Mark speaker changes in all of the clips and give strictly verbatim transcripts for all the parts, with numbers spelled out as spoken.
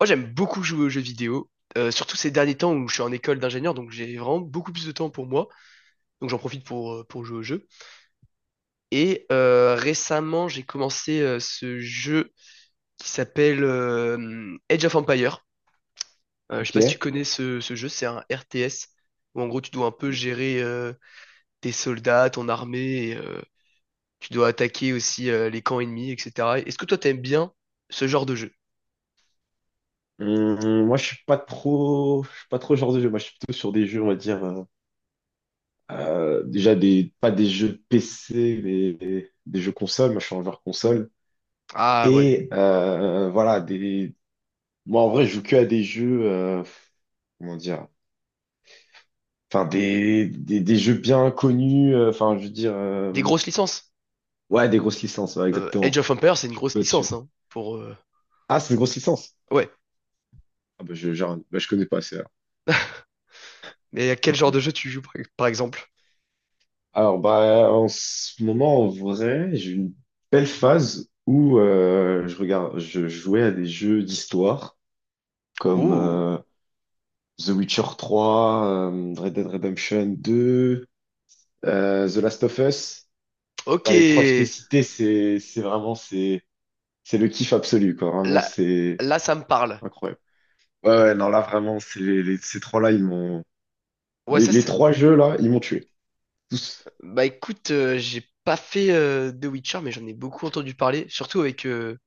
Speaker 1: Moi, j'aime beaucoup jouer aux jeux vidéo, euh, surtout ces derniers temps où je suis en école d'ingénieur, donc j'ai vraiment beaucoup plus de temps pour moi, donc j'en profite pour, euh, pour jouer aux jeux. Et euh, récemment, j'ai commencé euh, ce jeu qui s'appelle euh, Age of Empire. Euh, je sais pas si tu
Speaker 2: Ok.
Speaker 1: connais ce, ce jeu, c'est un R T S où en gros tu dois un peu gérer euh, tes soldats, ton armée, et, euh, tu dois attaquer aussi euh, les camps ennemis, et cetera. Est-ce que toi t'aimes bien ce genre de jeu?
Speaker 2: Hum, moi, je suis pas trop, je suis pas trop genre de jeu. Moi, je suis plutôt sur des jeux, on va dire, euh, euh, déjà des, pas des jeux P C, mais des, des jeux console. Moi, je suis un joueur console.
Speaker 1: Ah ouais,
Speaker 2: Et euh, voilà, des. Moi, en vrai, je joue que à des jeux, euh, comment dire, enfin des, des, des jeux bien connus. euh, Enfin, je veux dire,
Speaker 1: des
Speaker 2: euh,
Speaker 1: grosses licences.
Speaker 2: ouais, des grosses licences, ouais,
Speaker 1: Euh,
Speaker 2: exactement.
Speaker 1: Age of Empire, c'est une
Speaker 2: Je suis
Speaker 1: grosse
Speaker 2: pas dessus.
Speaker 1: licence hein, pour, euh,
Speaker 2: Ah, c'est une grosse licence.
Speaker 1: ouais.
Speaker 2: Ah bah, je, genre, bah, je connais pas, c'est
Speaker 1: Mais à quel genre
Speaker 2: tout.
Speaker 1: de jeu tu joues, par par exemple?
Speaker 2: Alors, bah, en ce moment, en vrai, j'ai eu une belle phase où euh, je regarde, je jouais à des jeux d'histoire comme
Speaker 1: Oh,
Speaker 2: euh, The Witcher trois, euh, Red Dead Redemption deux, euh, The Last of Us.
Speaker 1: ok.
Speaker 2: Bah, les trois que je t'ai cités, c'est, c'est vraiment, c'est, c'est le kiff absolu, quoi. Vraiment,
Speaker 1: Là,
Speaker 2: c'est
Speaker 1: là, ça me parle.
Speaker 2: incroyable. Ouais, ouais, non, là, vraiment, c'est les, les- ces trois-là, ils m'ont,
Speaker 1: Ouais,
Speaker 2: les,
Speaker 1: ça,
Speaker 2: les
Speaker 1: c'est.
Speaker 2: trois jeux, là, ils m'ont tué. Tous.
Speaker 1: Bah écoute, euh, j'ai pas fait euh, The Witcher, mais j'en ai beaucoup entendu parler, surtout avec euh,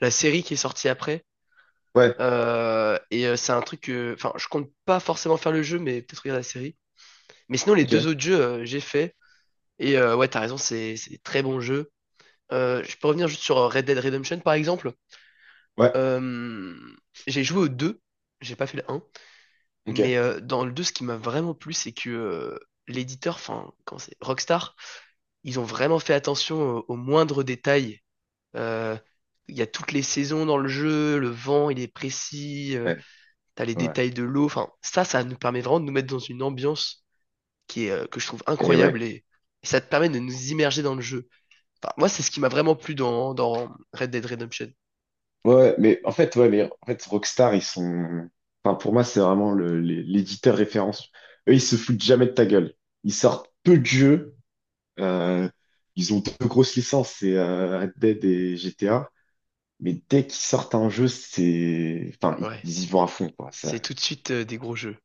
Speaker 1: la série qui est sortie après.
Speaker 2: Ouais,
Speaker 1: Euh, et euh, c'est un truc que. Enfin, je compte pas forcément faire le jeu, mais peut-être regarder la série. Mais sinon, les deux
Speaker 2: ok,
Speaker 1: autres jeux, euh, j'ai fait. Et euh, ouais, t'as raison, c'est c'est des très bons jeux. Euh, je peux revenir juste sur euh, Red Dead Redemption, par exemple.
Speaker 2: ouais,
Speaker 1: Euh, j'ai joué aux deux, j'ai pas fait le un.
Speaker 2: ok,
Speaker 1: Mais euh, dans le deux, ce qui m'a vraiment plu, c'est que euh, l'éditeur, enfin, comment c'est, Rockstar, ils ont vraiment fait attention au- aux moindres détails. Euh, Il y a toutes les saisons dans le jeu, le vent, il est précis, euh,
Speaker 2: ouais,
Speaker 1: t'as les
Speaker 2: ouais.
Speaker 1: détails de l'eau. Enfin, ça, ça nous permet vraiment de nous mettre dans une ambiance qui est, euh, que je trouve
Speaker 2: Et ouais.
Speaker 1: incroyable et, et ça te permet de nous immerger dans le jeu. Enfin, moi, c'est ce qui m'a vraiment plu dans, dans Red Dead Redemption.
Speaker 2: Ouais, mais en fait, ouais, mais en fait, Rockstar, ils sont. Enfin, pour moi, c'est vraiment le, les- l'éditeur référence. Eux, ils se foutent jamais de ta gueule. Ils sortent peu de jeux. euh, Ils ont deux grosses licences, c'est euh, Red Dead et G T A. Mais dès qu'ils sortent un jeu, c'est. Enfin, ils
Speaker 1: Ouais,
Speaker 2: ils y vont à fond, quoi. Ça...
Speaker 1: c'est tout de suite euh, des gros jeux.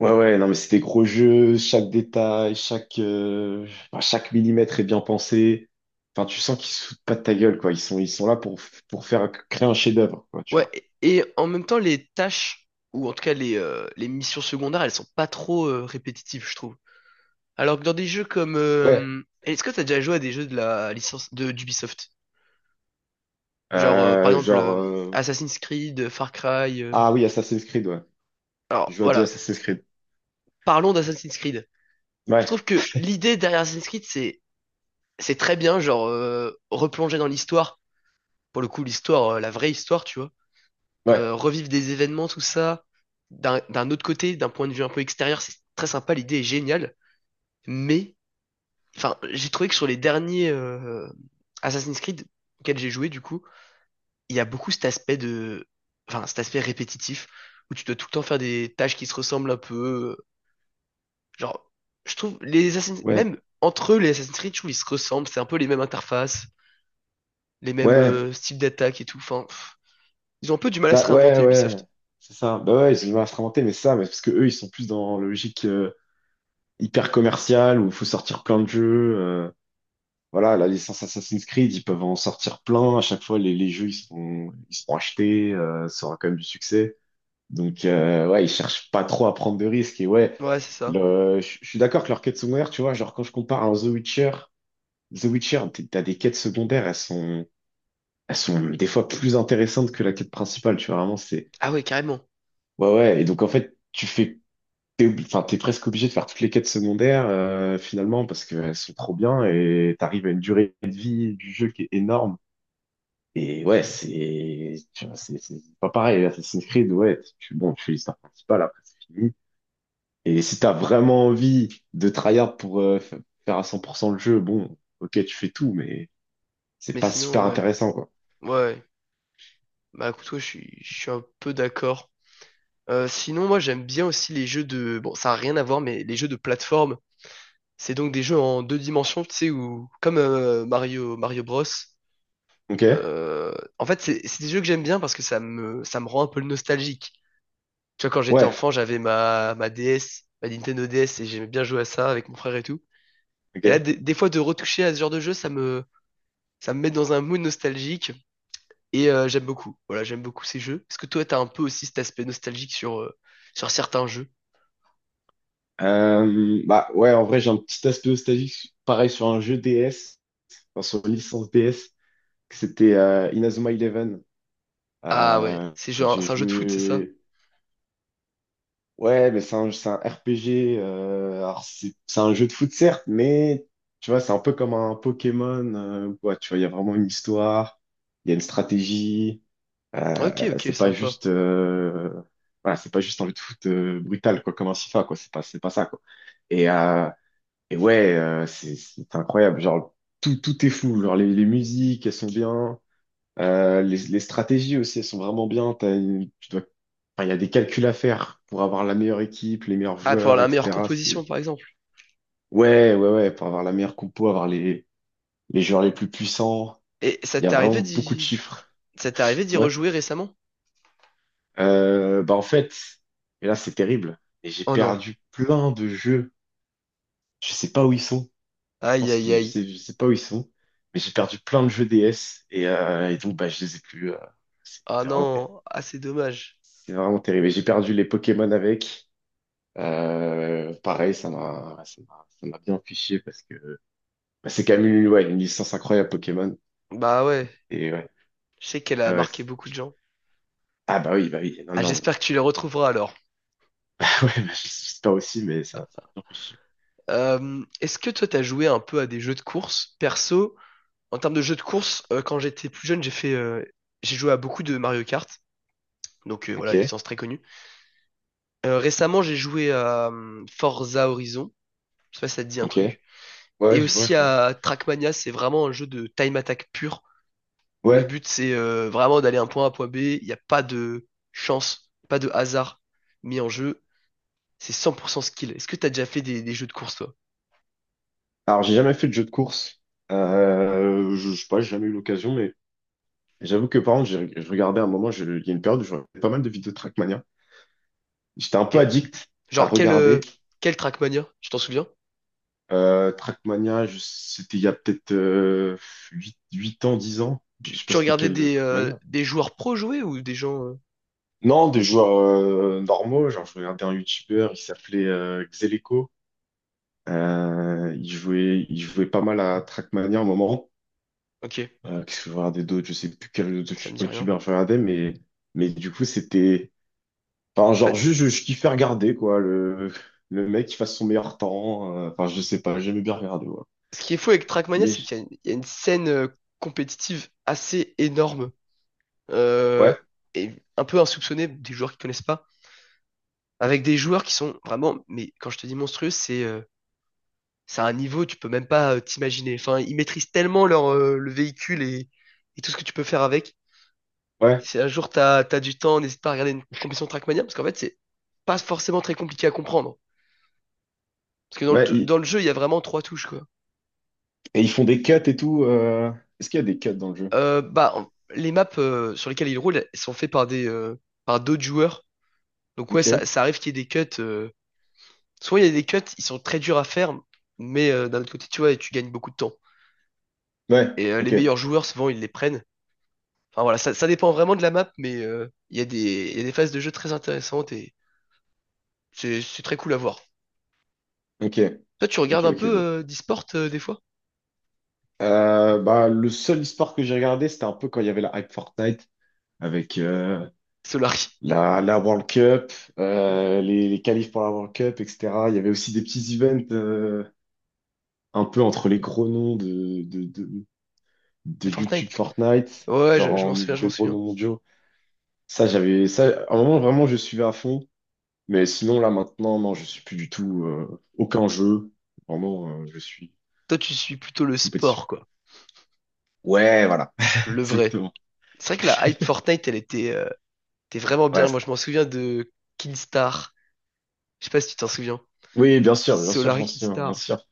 Speaker 2: Ouais, ouais, non, mais c'est des gros jeux. Chaque détail, chaque, euh, enfin, chaque millimètre est bien pensé. Enfin, tu sens qu'ils se foutent pas de ta gueule, quoi. Ils sont, ils sont là pour, pour faire créer un chef-d'œuvre, quoi, tu
Speaker 1: Ouais,
Speaker 2: vois.
Speaker 1: et et en même temps, les tâches, ou en tout cas les, euh, les missions secondaires, elles sont pas trop euh, répétitives, je trouve. Alors que dans des jeux comme...
Speaker 2: Ouais.
Speaker 1: euh, est-ce que t'as déjà joué à des jeux de la licence de d'Ubisoft? Genre, euh, par
Speaker 2: Euh,
Speaker 1: exemple,
Speaker 2: genre,
Speaker 1: euh,
Speaker 2: euh,
Speaker 1: Assassin's Creed, euh, Far Cry... euh,
Speaker 2: ah oui, Assassin's Creed, ouais. Je
Speaker 1: alors,
Speaker 2: joue à deux
Speaker 1: voilà.
Speaker 2: Assassin's Creed.
Speaker 1: Parlons d'Assassin's Creed. Je
Speaker 2: Ouais,
Speaker 1: trouve que l'idée derrière Assassin's Creed, c'est c'est très bien, genre, euh, replonger dans l'histoire. Pour le coup, l'histoire, euh, la vraie histoire, tu vois.
Speaker 2: ouais,
Speaker 1: Euh, revivre des événements, tout ça, d'un d'un autre côté, d'un point de vue un peu extérieur, c'est très sympa, l'idée est géniale. Mais, enfin, j'ai trouvé que sur les derniers euh, Assassin's Creed auxquels j'ai joué, du coup, il y a beaucoup cet aspect de, enfin, cet aspect répétitif où tu dois tout le temps faire des tâches qui se ressemblent un peu. Genre, je trouve les Assassin's,
Speaker 2: ouais,
Speaker 1: même entre eux, les Assassin's Creed, je trouve ils se ressemblent, c'est un peu les mêmes interfaces, les mêmes
Speaker 2: ouais.
Speaker 1: euh, styles d'attaque et tout. Enfin, pff, ils ont un peu du mal à
Speaker 2: Bah,
Speaker 1: se
Speaker 2: ouais,
Speaker 1: réinventer
Speaker 2: ouais,
Speaker 1: Ubisoft.
Speaker 2: c'est ça. Bah ouais, ils ont instrumenté, mais ça, mais parce que eux, ils sont plus dans la logique euh, hyper commerciale où il faut sortir plein de jeux. Euh, voilà, la licence Assassin's Creed, ils peuvent en sortir plein. À chaque fois, les, les jeux, ils sont, ils sont achetés, euh, ça aura quand même du succès. Donc, euh, ouais, ils cherchent pas trop à prendre de risques. Et ouais,
Speaker 1: Ouais, c'est ça.
Speaker 2: le, je je suis d'accord que leur quête sommaire, tu vois, genre quand je compare à un The Witcher, The Witcher, t- t'as des quêtes secondaires, elles sont, elles sont des fois plus intéressantes que la quête principale, tu vois, vraiment, c'est...
Speaker 1: Ah ouais, carrément.
Speaker 2: Ouais, ouais, et donc en fait, tu fais... T'es obli- enfin, t'es presque obligé de faire toutes les quêtes secondaires, euh, finalement, parce qu'elles sont trop bien, et t'arrives à une durée de vie du jeu qui est énorme. Et ouais, c'est... tu vois, C'est c'est pas pareil, Assassin's Creed, ouais, tu, bon, tu fais l'histoire principale, après c'est fini. Et si t'as vraiment envie de tryhard pour euh, fa- faire à cent pour cent le jeu, bon, ok, tu fais tout, mais c'est
Speaker 1: Mais
Speaker 2: pas
Speaker 1: sinon,
Speaker 2: super
Speaker 1: ouais.
Speaker 2: intéressant, quoi.
Speaker 1: Ouais. Bah écoute, ouais, je suis, je suis un peu d'accord. Euh, sinon, moi, j'aime bien aussi les jeux de... Bon, ça n'a rien à voir, mais les jeux de plateforme. C'est donc des jeux en deux dimensions, tu sais, où... Comme euh, Mario, Mario Bros.
Speaker 2: Ok?
Speaker 1: Euh, En fait, c'est c'est des jeux que j'aime bien parce que ça me, ça me rend un peu nostalgique. Tu vois, quand j'étais
Speaker 2: Ouais,
Speaker 1: enfant, j'avais ma, ma D S, ma Nintendo D S, et j'aimais bien jouer à ça avec mon frère et tout. Et là,
Speaker 2: ok.
Speaker 1: des, des fois, de retoucher à ce genre de jeu, ça me, ça me met dans un mood nostalgique, et euh, j'aime beaucoup. Voilà, j'aime beaucoup ces jeux. Est-ce que toi, t'as un peu aussi cet aspect nostalgique sur, euh, sur certains jeux?
Speaker 2: Euh, bah ouais, en vrai, j'ai un petit aspect nostalgique, pareil sur un jeu D S, enfin, sur une licence D S, que c'était euh, Inazuma Eleven.
Speaker 1: Ah ouais,
Speaker 2: Euh,
Speaker 1: c'est genre
Speaker 2: j'ai
Speaker 1: c'est un jeu de foot, c'est ça?
Speaker 2: joué. Ouais, mais c'est un, c'est un R P G. Euh, alors, c'est c'est un jeu de foot, certes, mais tu vois, c'est un peu comme un Pokémon. Euh, ouais, tu vois, il y a vraiment une histoire, il y a une stratégie.
Speaker 1: Ok,
Speaker 2: Euh,
Speaker 1: ok,
Speaker 2: c'est pas
Speaker 1: sympa.
Speaker 2: juste. Euh, voilà, c'est pas juste un jeu de foot euh, brutal, quoi, comme un FIFA, quoi. C'est pas, c'est pas ça, quoi. Et, euh, Et ouais, euh, c'est c'est incroyable. Genre, tout, tout est fou. Genre, les, les musiques, elles sont bien. Euh, les, les stratégies aussi, elles sont vraiment bien. T'as une- tu dois, enfin, il y a des calculs à faire pour avoir la meilleure équipe, les meilleurs
Speaker 1: Ah, pour
Speaker 2: joueurs,
Speaker 1: la meilleure
Speaker 2: et cetera. C'est,
Speaker 1: composition, par exemple.
Speaker 2: ouais, ouais, ouais, pour avoir la meilleure compo, avoir les, les joueurs les plus puissants.
Speaker 1: Et ça
Speaker 2: Il y a
Speaker 1: t'est
Speaker 2: vraiment
Speaker 1: arrivé
Speaker 2: beaucoup de
Speaker 1: d'y,
Speaker 2: chiffres.
Speaker 1: ça t'est arrivé d'y
Speaker 2: Ouais.
Speaker 1: rejouer récemment?
Speaker 2: Euh, bah, en fait, et là, c'est terrible. Et j'ai
Speaker 1: Oh non.
Speaker 2: perdu plein de jeux. Je sais pas où ils sont. Je
Speaker 1: Aïe,
Speaker 2: pense
Speaker 1: aïe,
Speaker 2: qu'ils, je
Speaker 1: aïe.
Speaker 2: sais, je sais pas où ils sont, mais j'ai perdu plein de jeux D S et, euh, et donc bah, je les ai plus. euh, c'est
Speaker 1: Ah
Speaker 2: c'est vraiment terrible.
Speaker 1: non, ah c'est dommage.
Speaker 2: C'est vraiment terrible. Et j'ai perdu les Pokémon avec. Euh, pareil, ça m'a, ça m'a, ça m'a bien fiché parce que bah, c'est quand même une, ouais, une licence incroyable Pokémon.
Speaker 1: Bah ouais,
Speaker 2: Et ouais,
Speaker 1: je sais qu'elle a
Speaker 2: ouais, ouais,
Speaker 1: marqué
Speaker 2: c'est-
Speaker 1: beaucoup de gens.
Speaker 2: ah bah oui, bah oui, non,
Speaker 1: Ah,
Speaker 2: non.
Speaker 1: j'espère que tu les retrouveras alors.
Speaker 2: Ah ouais, bah, j'espère aussi, mais ça, ça m'a bien fiché.
Speaker 1: Euh, est-ce que toi t'as joué un peu à des jeux de course? Perso, en termes de jeux de course, euh, quand j'étais plus jeune, j'ai fait, euh, j'ai joué à beaucoup de Mario Kart, donc euh,
Speaker 2: Ok,
Speaker 1: voilà, licence très connue. Euh, récemment, j'ai joué à euh, Forza Horizon, je sais pas si ça te dit un
Speaker 2: ok.
Speaker 1: truc. Et
Speaker 2: Ouais, je vois,
Speaker 1: aussi
Speaker 2: je vois.
Speaker 1: à Trackmania, c'est vraiment un jeu de time attack pur, où le
Speaker 2: Ouais.
Speaker 1: but c'est euh, vraiment d'aller un point A, point B. Il n'y a pas de chance, pas de hasard mis en jeu. C'est cent pour cent skill. Est-ce que t'as déjà fait des, des jeux de course, toi?
Speaker 2: Alors j'ai jamais fait de jeu de course. Euh, je, je sais pas, j'ai jamais eu l'occasion, mais j'avoue que par contre, j'ai- je regardais à un moment, je- il y a une période où je regardais pas mal de vidéos de Trackmania. J'étais un peu
Speaker 1: Ok.
Speaker 2: addict à
Speaker 1: Genre, quel,
Speaker 2: regarder.
Speaker 1: euh, quel Trackmania? Tu t'en souviens?
Speaker 2: Euh, Trackmania, je- c'était il y a peut-être euh, huit 8 ans, dix ans. Je
Speaker 1: Tu,
Speaker 2: sais pas
Speaker 1: tu
Speaker 2: c'était
Speaker 1: regardais
Speaker 2: quel euh,
Speaker 1: des, euh,
Speaker 2: Trackmania.
Speaker 1: des joueurs pro jouer ou des gens. Euh,
Speaker 2: Non, des joueurs euh, normaux. Genre, je regardais un YouTuber, il s'appelait euh, Xeleco. Euh, il jouait, il jouait pas mal à Trackmania à un moment.
Speaker 1: Ok,
Speaker 2: Euh, qu'est-ce que je regardais d'autres? Je sais plus quel autre autre
Speaker 1: ça me dit rien.
Speaker 2: YouTuber je regardais, mais, mais du coup, c'était. Enfin,
Speaker 1: Je sais
Speaker 2: genre,
Speaker 1: pas.
Speaker 2: juste, je, je kiffais regarder, quoi. Le, le mec qui fasse son meilleur temps. euh, Enfin, je sais pas, j'aimais bien regarder, ouais.
Speaker 1: Ce qui est fou avec Trackmania,
Speaker 2: Mais,
Speaker 1: c'est
Speaker 2: je-
Speaker 1: qu'il y a une, il y a une scène euh, compétitive assez énorme euh,
Speaker 2: ouais,
Speaker 1: et un peu insoupçonnée des joueurs qui connaissent pas, avec des joueurs qui sont vraiment, mais quand je te dis monstrueux, c'est euh, c'est à un niveau, tu peux même pas euh, t'imaginer. Enfin, ils maîtrisent tellement leur, euh, le véhicule et, et tout ce que tu peux faire avec.
Speaker 2: ouais,
Speaker 1: Si un jour t'as, t'as du temps, n'hésite pas à regarder une compétition Trackmania, parce qu'en fait, c'est pas forcément très compliqué à comprendre. Parce que dans le,
Speaker 2: ouais.
Speaker 1: tou-
Speaker 2: ils-
Speaker 1: dans le jeu, il y a vraiment trois touches, quoi.
Speaker 2: et ils font des cuts et tout. euh, Est-ce qu'il y a des cuts dans le jeu?
Speaker 1: Euh, bah, en- les maps euh, sur lesquelles ils roulent, elles sont faites par des, euh, par d'autres joueurs. Donc ouais, ça,
Speaker 2: Ok.
Speaker 1: ça arrive qu'il y ait des cuts. euh, souvent, il y a des cuts, ils sont très durs à faire, mais euh, d'un autre côté, tu vois, tu gagnes beaucoup de temps.
Speaker 2: Ouais,
Speaker 1: Et euh, les
Speaker 2: ok,
Speaker 1: meilleurs joueurs, souvent, ils les prennent. Enfin voilà, ça, ça dépend vraiment de la map, mais euh, il y a des, il y a des phases de jeu très intéressantes et c'est c'est très cool à voir.
Speaker 2: ok,
Speaker 1: Toi, tu
Speaker 2: ok,
Speaker 1: regardes un
Speaker 2: ok.
Speaker 1: peu
Speaker 2: ouais.
Speaker 1: euh, d'e-sport euh, des fois?
Speaker 2: Euh, bah, le seul e-sport que j'ai regardé, c'était un peu quand il y avait la hype Fortnite avec euh,
Speaker 1: Solari,
Speaker 2: la, la World Cup, euh, les, les qualifs pour la World Cup, et cetera. Il y avait aussi des petits events euh, un peu entre les gros noms de de, de, de
Speaker 1: de
Speaker 2: YouTube
Speaker 1: Fortnite?
Speaker 2: Fortnite,
Speaker 1: Ouais,
Speaker 2: genre
Speaker 1: je, je m'en
Speaker 2: en,
Speaker 1: souviens, je m'en
Speaker 2: des gros
Speaker 1: souviens.
Speaker 2: noms mondiaux. Ça, j'avais ça. À un moment, vraiment, je suivais à fond. Mais sinon, là, maintenant, non, je suis plus du tout euh, aucun jeu. Vraiment, euh, je suis
Speaker 1: Toi, tu suis plutôt le
Speaker 2: compétition.
Speaker 1: sport, quoi.
Speaker 2: Ouais, voilà,
Speaker 1: Le vrai.
Speaker 2: exactement.
Speaker 1: C'est vrai que la hype Fortnite, elle était, euh, était vraiment
Speaker 2: Ouais.
Speaker 1: bien. Moi,
Speaker 2: c'est-
Speaker 1: je m'en souviens de Kinstar. Je sais pas si tu t'en souviens.
Speaker 2: Oui, bien sûr, bien sûr, je
Speaker 1: Solari
Speaker 2: m'en souviens, bien
Speaker 1: Kinstar.
Speaker 2: sûr,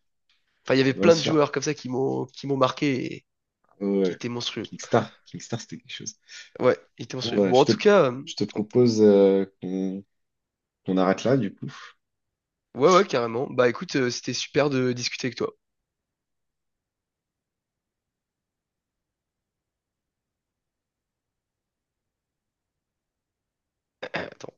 Speaker 1: Enfin, il y avait
Speaker 2: bien
Speaker 1: plein de
Speaker 2: sûr.
Speaker 1: joueurs comme ça qui m'ont qui m'ont marqué et
Speaker 2: Ouais.
Speaker 1: qui
Speaker 2: ouais.
Speaker 1: étaient monstrueux.
Speaker 2: Kickstar, Kickstar, c'était quelque chose.
Speaker 1: Ouais, ils étaient
Speaker 2: Bon,
Speaker 1: monstrueux.
Speaker 2: bah,
Speaker 1: Bon, en
Speaker 2: je te,
Speaker 1: tout cas, euh,
Speaker 2: je te propose euh, qu'on qu'on arrête là, du coup.
Speaker 1: ouais, ouais, carrément. Bah écoute, euh, c'était super de discuter avec toi. Attends.